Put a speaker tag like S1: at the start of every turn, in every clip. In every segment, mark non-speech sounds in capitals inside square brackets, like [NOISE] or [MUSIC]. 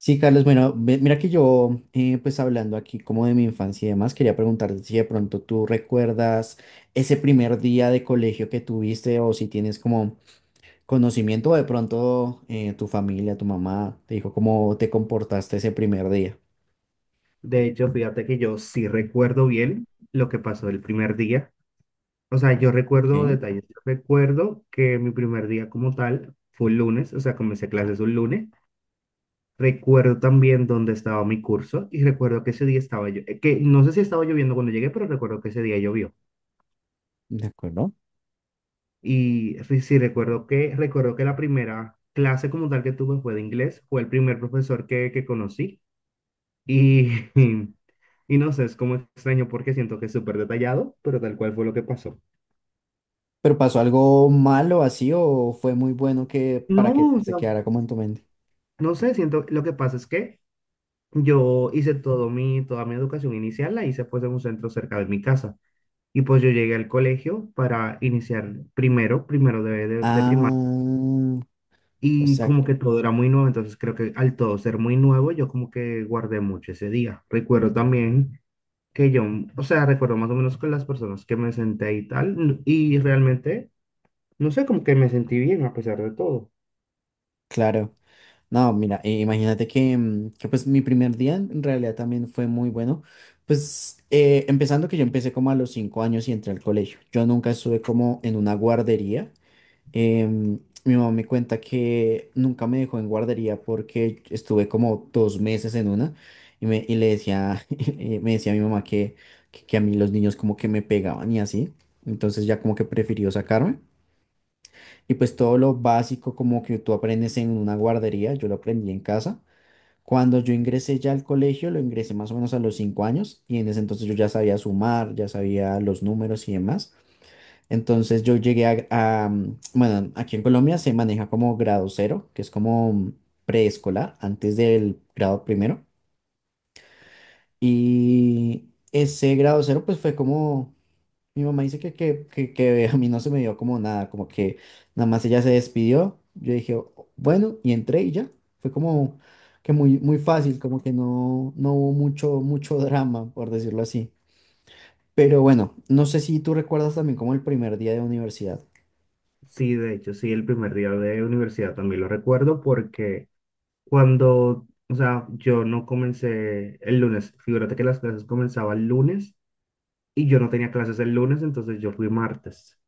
S1: Sí, Carlos, bueno, mira que yo, pues hablando aquí como de mi infancia y demás, quería preguntarte si de pronto tú recuerdas ese primer día de colegio que tuviste o si tienes como conocimiento o de pronto tu familia, tu mamá te dijo cómo te comportaste ese primer día.
S2: De hecho, fíjate que yo sí recuerdo bien lo que pasó el primer día. O sea, yo
S1: Ok,
S2: recuerdo detalles. Yo recuerdo que mi primer día como tal fue un lunes, o sea, comencé clases un lunes. Recuerdo también dónde estaba mi curso y recuerdo que ese día estaba yo, que no sé si estaba lloviendo cuando llegué, pero recuerdo que ese día llovió.
S1: de acuerdo.
S2: Sí recuerdo que la primera clase como tal que tuve fue de inglés, fue el primer profesor que conocí. Y, [LAUGHS] y no sé, es como extraño porque siento que es súper detallado, pero tal cual fue lo que pasó.
S1: ¿Pero pasó algo malo así o fue muy bueno que para que
S2: No, o
S1: se
S2: sea,
S1: quedara como en tu mente?
S2: no sé, siento, lo que pasa es que yo hice toda mi educación inicial, la hice pues en un centro cerca de mi casa. Y pues yo llegué al colegio para iniciar primero, primero de primaria.
S1: Ah, o
S2: Y
S1: sea.
S2: como que todo era muy nuevo, entonces creo que al todo ser muy nuevo, yo como que guardé mucho ese día. Recuerdo también que yo, o sea, recuerdo más o menos con las personas que me senté y tal, y realmente no sé, como que me sentí bien a pesar de todo.
S1: Claro. No, mira, imagínate que, que, pues mi primer día en realidad también fue muy bueno. Pues empezando que yo empecé como a los 5 años y entré al colegio. Yo nunca estuve como en una guardería. Em, Mi mamá me cuenta que nunca me dejó en guardería porque estuve como 2 meses en una y, me, y le decía, [LAUGHS] me decía a mi mamá que, que a mí los niños como que me pegaban y así. Entonces ya como que prefirió sacarme. Y pues todo lo básico como que tú aprendes en una guardería, yo lo aprendí en casa. Cuando yo ingresé ya al colegio, lo ingresé más o menos a los 5 años y en ese entonces yo ya sabía sumar, ya sabía los números y demás. Entonces yo llegué a bueno, aquí en Colombia se maneja como grado cero, que es como mm, preescolar, antes del grado primero. Y ese grado cero pues fue como mi mamá dice que a mí no se me dio como nada, como que nada más ella se despidió. Yo dije, bueno", y entré y ya. Fue como que muy, muy fácil, como que no, no hubo mucho, mucho drama, por decirlo así. Pero bueno, no sé si tú recuerdas también como el primer día de universidad.
S2: Sí, de hecho, sí, el primer día de universidad también lo recuerdo porque cuando, o sea, yo no comencé el lunes, figúrate que las clases comenzaban el lunes y yo no tenía clases el lunes, entonces yo fui martes.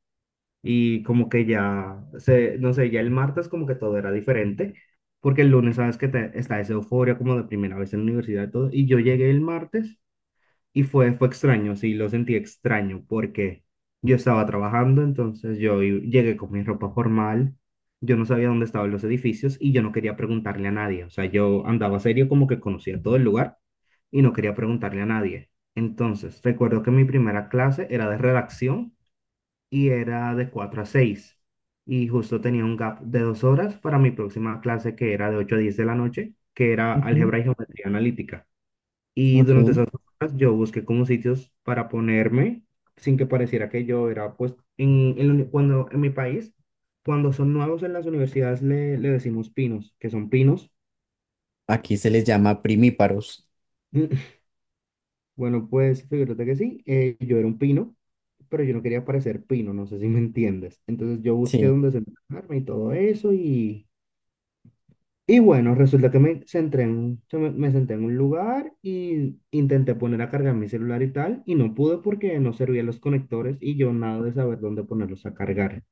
S2: Y como que ya, se, no sé, ya el martes como que todo era diferente, porque el lunes sabes que está esa euforia como de primera vez en la universidad y todo, y yo llegué el martes. Y fue extraño, sí, lo sentí extraño porque yo estaba trabajando, entonces llegué con mi ropa formal, yo no sabía dónde estaban los edificios y yo no quería preguntarle a nadie. O sea, yo andaba serio como que conocía todo el lugar y no quería preguntarle a nadie. Entonces, recuerdo que mi primera clase era de redacción y era de 4 a 6 y justo tenía un gap de 2 horas para mi próxima clase, que era de 8 a 10 de la noche, que era
S1: Ujú.
S2: álgebra y geometría analítica. Y
S1: Ok.
S2: durante esas horas yo busqué como sitios para ponerme sin que pareciera que yo era, pues, en la cuando en mi país, cuando son nuevos en las universidades le decimos pinos, que son pinos.
S1: Aquí se les llama primíparos.
S2: [LAUGHS] Bueno, pues fíjate que sí, yo era un pino, pero yo no quería parecer pino, no sé si me entiendes. Entonces yo busqué
S1: Sí,
S2: dónde sentarme y todo eso y bueno, resulta que me senté en, un- se me, me senté en un lugar y intenté poner a cargar mi celular y tal, y no pude porque no servían los conectores y yo nada de saber dónde ponerlos a cargar.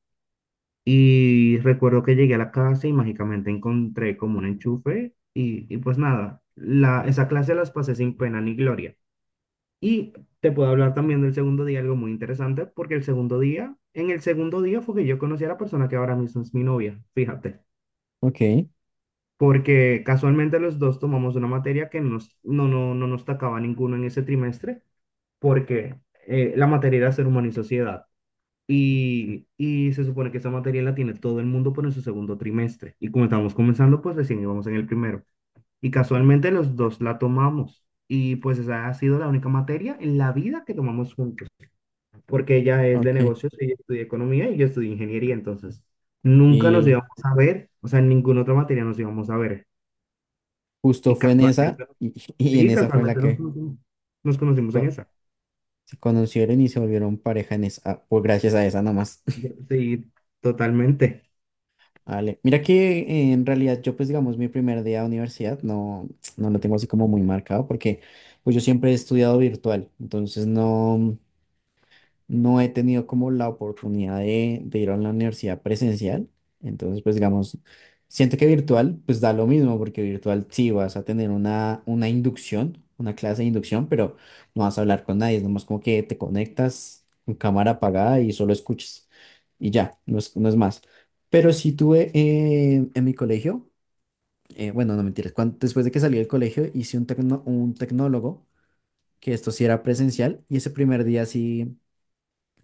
S2: Y recuerdo que llegué a la casa y mágicamente encontré como un enchufe y pues nada, esa clase las pasé sin pena ni gloria. Y te puedo hablar también del segundo día, algo muy interesante, porque en el segundo día fue que yo conocí a la persona que ahora mismo es mi novia, fíjate,
S1: ok,
S2: porque casualmente los dos tomamos una materia que no nos tocaba ninguno en ese trimestre, porque la materia era Ser Humano y Sociedad. Y se supone que esa materia la tiene todo el mundo por en su segundo trimestre. Y como estábamos comenzando, pues recién íbamos en el primero. Y casualmente los dos la tomamos. Y pues esa ha sido la única materia en la vida que tomamos juntos, porque ella es de
S1: ok.
S2: negocios, ella estudia economía y yo estudio ingeniería, entonces nunca nos
S1: Y
S2: íbamos a ver, o sea, en ninguna otra materia nos íbamos a ver.
S1: justo
S2: Y
S1: fue en esa,
S2: casualmente
S1: y, [LAUGHS] y en
S2: Sí,
S1: esa fue en la
S2: casualmente nos
S1: que
S2: conocimos,
S1: se,
S2: en
S1: co-
S2: esa.
S1: se conocieron y se volvieron pareja en esa, ah, pues gracias a esa nada más.
S2: Sí, totalmente.
S1: Vale. Mira que en realidad yo pues digamos mi primer día de universidad no, no lo tengo así como muy marcado porque pues yo siempre he estudiado virtual, entonces no, no he tenido como la oportunidad de ir a la universidad presencial. Entonces, pues digamos, siento que virtual, pues da lo mismo, porque virtual sí vas a tener una inducción, una clase de inducción, pero no vas a hablar con nadie, es nomás como que te conectas con cámara apagada y solo escuchas. Y ya, no es, no es más. Pero sí tuve en mi colegio, bueno, no mentiras, después de que salí del colegio hice un tecnólogo, que esto sí era presencial, y ese primer día sí.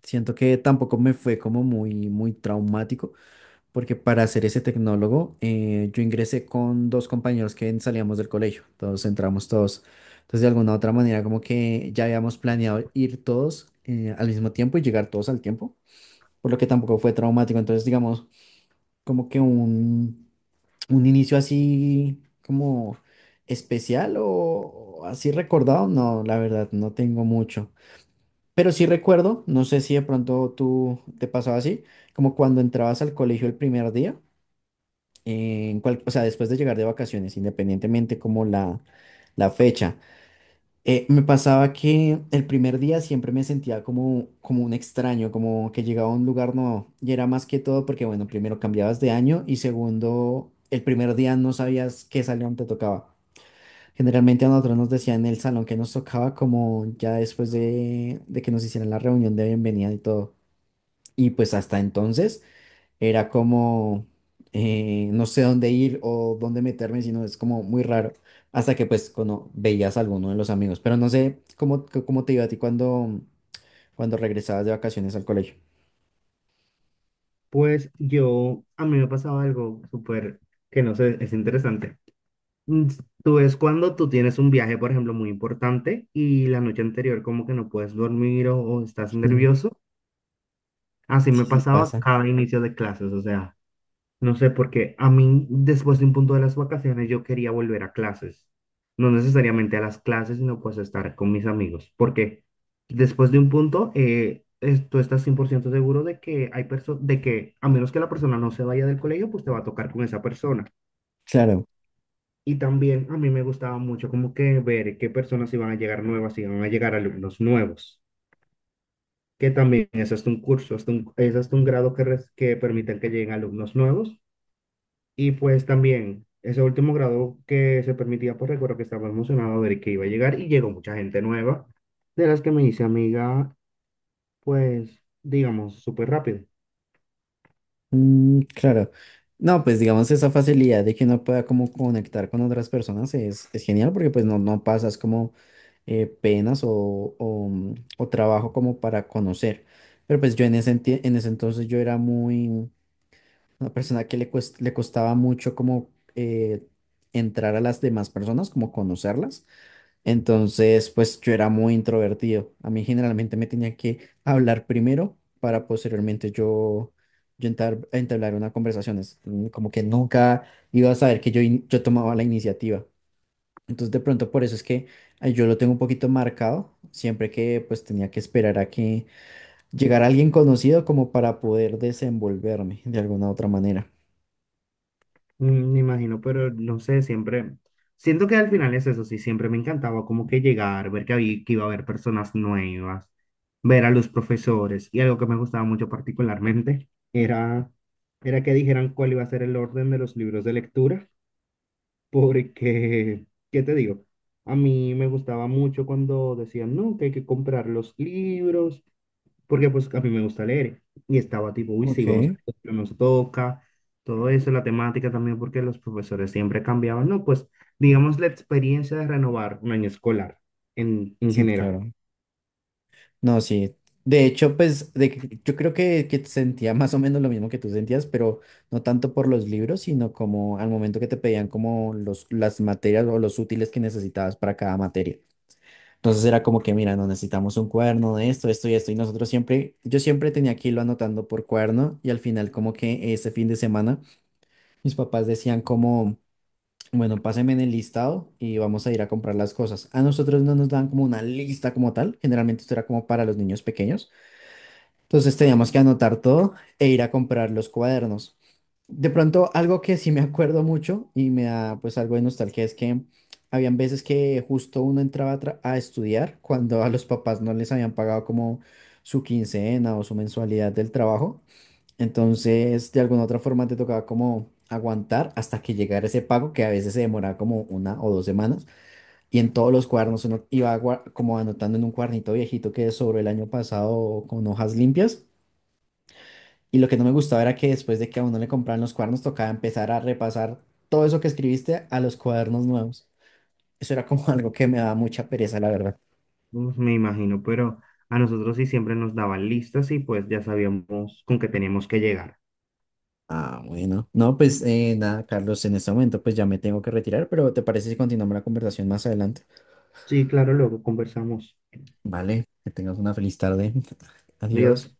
S1: Siento que tampoco me fue como muy, muy traumático, porque para ser ese tecnólogo, yo ingresé con 2 compañeros que salíamos del colegio, todos entramos todos. Entonces, de alguna u otra manera, como que ya habíamos planeado ir todos al mismo tiempo y llegar todos al tiempo, por lo que tampoco fue traumático. Entonces, digamos, como que un inicio así como especial o así recordado, no, la verdad, no tengo mucho. Pero sí recuerdo, no sé si de pronto tú te pasaba así, como cuando entrabas al colegio el primer día, o sea, después de llegar de vacaciones, independientemente como la fecha, me pasaba que el primer día siempre me sentía como, como un extraño, como que llegaba a un lugar nuevo. Y era más que todo porque, bueno, primero cambiabas de año y segundo, el primer día no sabías qué salón te tocaba. Generalmente a nosotros nos decían en el salón que nos tocaba como ya después de que nos hicieran la reunión de bienvenida y todo. Y pues hasta entonces era como no sé dónde ir o dónde meterme, sino es como muy raro. Hasta que pues cuando veías a alguno de los amigos. Pero no sé cómo, cómo te iba a ti cuando, cuando regresabas de vacaciones al colegio.
S2: Pues yo, a mí me pasaba algo súper, que no sé, es interesante. Mm, Tú es cuando tú tienes un viaje, por ejemplo, muy importante y la noche anterior como que no puedes dormir o estás
S1: Mm.
S2: nervioso. Así me
S1: Sí, sí,
S2: pasaba
S1: pasa.
S2: cada inicio de clases, o sea. No sé, porque a mí después de un punto de las vacaciones yo quería volver a clases. No necesariamente a las clases, sino pues estar con mis amigos. Porque después de un punto, tú estás 100% seguro de que de que a menos que la persona no se vaya del colegio, pues te va a tocar con esa persona.
S1: Claro.
S2: Y también a mí me gustaba mucho como que ver qué personas iban a llegar nuevas, si iban a llegar alumnos nuevos. Que también es hasta un curso, es hasta un grado que, que permiten que lleguen alumnos nuevos. Y pues también, ese último grado que se permitía, pues recuerdo que estaba emocionado de que iba a llegar y llegó mucha gente nueva, de las que me hice amiga, pues, digamos, súper rápido.
S1: Mm, claro. No, pues digamos esa facilidad de que uno pueda como conectar con otras personas es genial porque pues no, no pasas como penas o o trabajo como para conocer. Pero pues yo en en ese entonces yo era muy una persona que le costaba mucho como entrar a las demás personas, como conocerlas. Entonces, pues yo era muy introvertido. A mí generalmente me tenía que hablar primero para posteriormente yo, yo entablar, entablar una conversación. Es como que nunca iba a saber que yo tomaba la iniciativa. Entonces, de pronto por eso es que yo lo tengo un poquito marcado, siempre que pues tenía que esperar a que llegara alguien conocido como para poder desenvolverme de alguna otra manera.
S2: Me imagino, pero no sé, siempre, siento que al final es eso, sí, siempre me encantaba como que llegar, ver que iba a haber personas nuevas, ver a los profesores. Y algo que me gustaba mucho particularmente era que dijeran cuál iba a ser el orden de los libros de lectura. Porque, ¿qué te digo? A mí me gustaba mucho cuando decían, no, que hay que comprar los libros, porque pues a mí me gusta leer. Y estaba tipo, uy, sí,
S1: Ok,
S2: vamos a ver qué nos toca, todo eso, la temática también, porque los profesores siempre cambiaban, ¿no? Pues, digamos, la experiencia de renovar un año escolar en
S1: sí,
S2: general.
S1: claro. No, sí. De hecho, pues yo creo que sentía más o menos lo mismo que tú sentías, pero no tanto por los libros, sino como al momento que te pedían como los, las materias o los útiles que necesitabas para cada materia. Entonces era como que, mira, no necesitamos un cuaderno de esto, esto y esto. Y nosotros siempre, yo siempre tenía que irlo anotando por cuaderno y al final como que ese fin de semana mis papás decían como, bueno, pásenme en el listado y vamos a ir a comprar las cosas. A nosotros no nos dan como una lista como tal, generalmente esto era como para los niños pequeños, entonces teníamos que anotar todo e ir a comprar los cuadernos. De pronto, algo que sí me acuerdo mucho y me da pues algo de nostalgia es que habían veces que justo uno entraba a estudiar cuando a los papás no les habían pagado como su quincena o su mensualidad del trabajo. Entonces, de alguna otra forma te tocaba como aguantar hasta que llegara ese pago que a veces se demoraba como 1 o 2 semanas. Y en todos los cuadernos uno iba como anotando en un cuadernito viejito que sobró el año pasado con hojas limpias, y lo que no me gustaba era que después de que a uno le compraban los cuadernos, tocaba empezar a repasar todo eso que escribiste a los cuadernos nuevos. Eso era como [LAUGHS] algo que me daba mucha pereza, la verdad.
S2: Pues, me imagino, pero a nosotros sí siempre nos daban listas y pues ya sabíamos con qué teníamos que llegar.
S1: Ah, bueno. No, pues nada, Carlos, en este momento pues ya me tengo que retirar, pero ¿te parece si continuamos la conversación más adelante?
S2: Sí, claro, luego conversamos.
S1: Vale, que tengas una feliz tarde. [LAUGHS]
S2: Adiós.
S1: Adiós.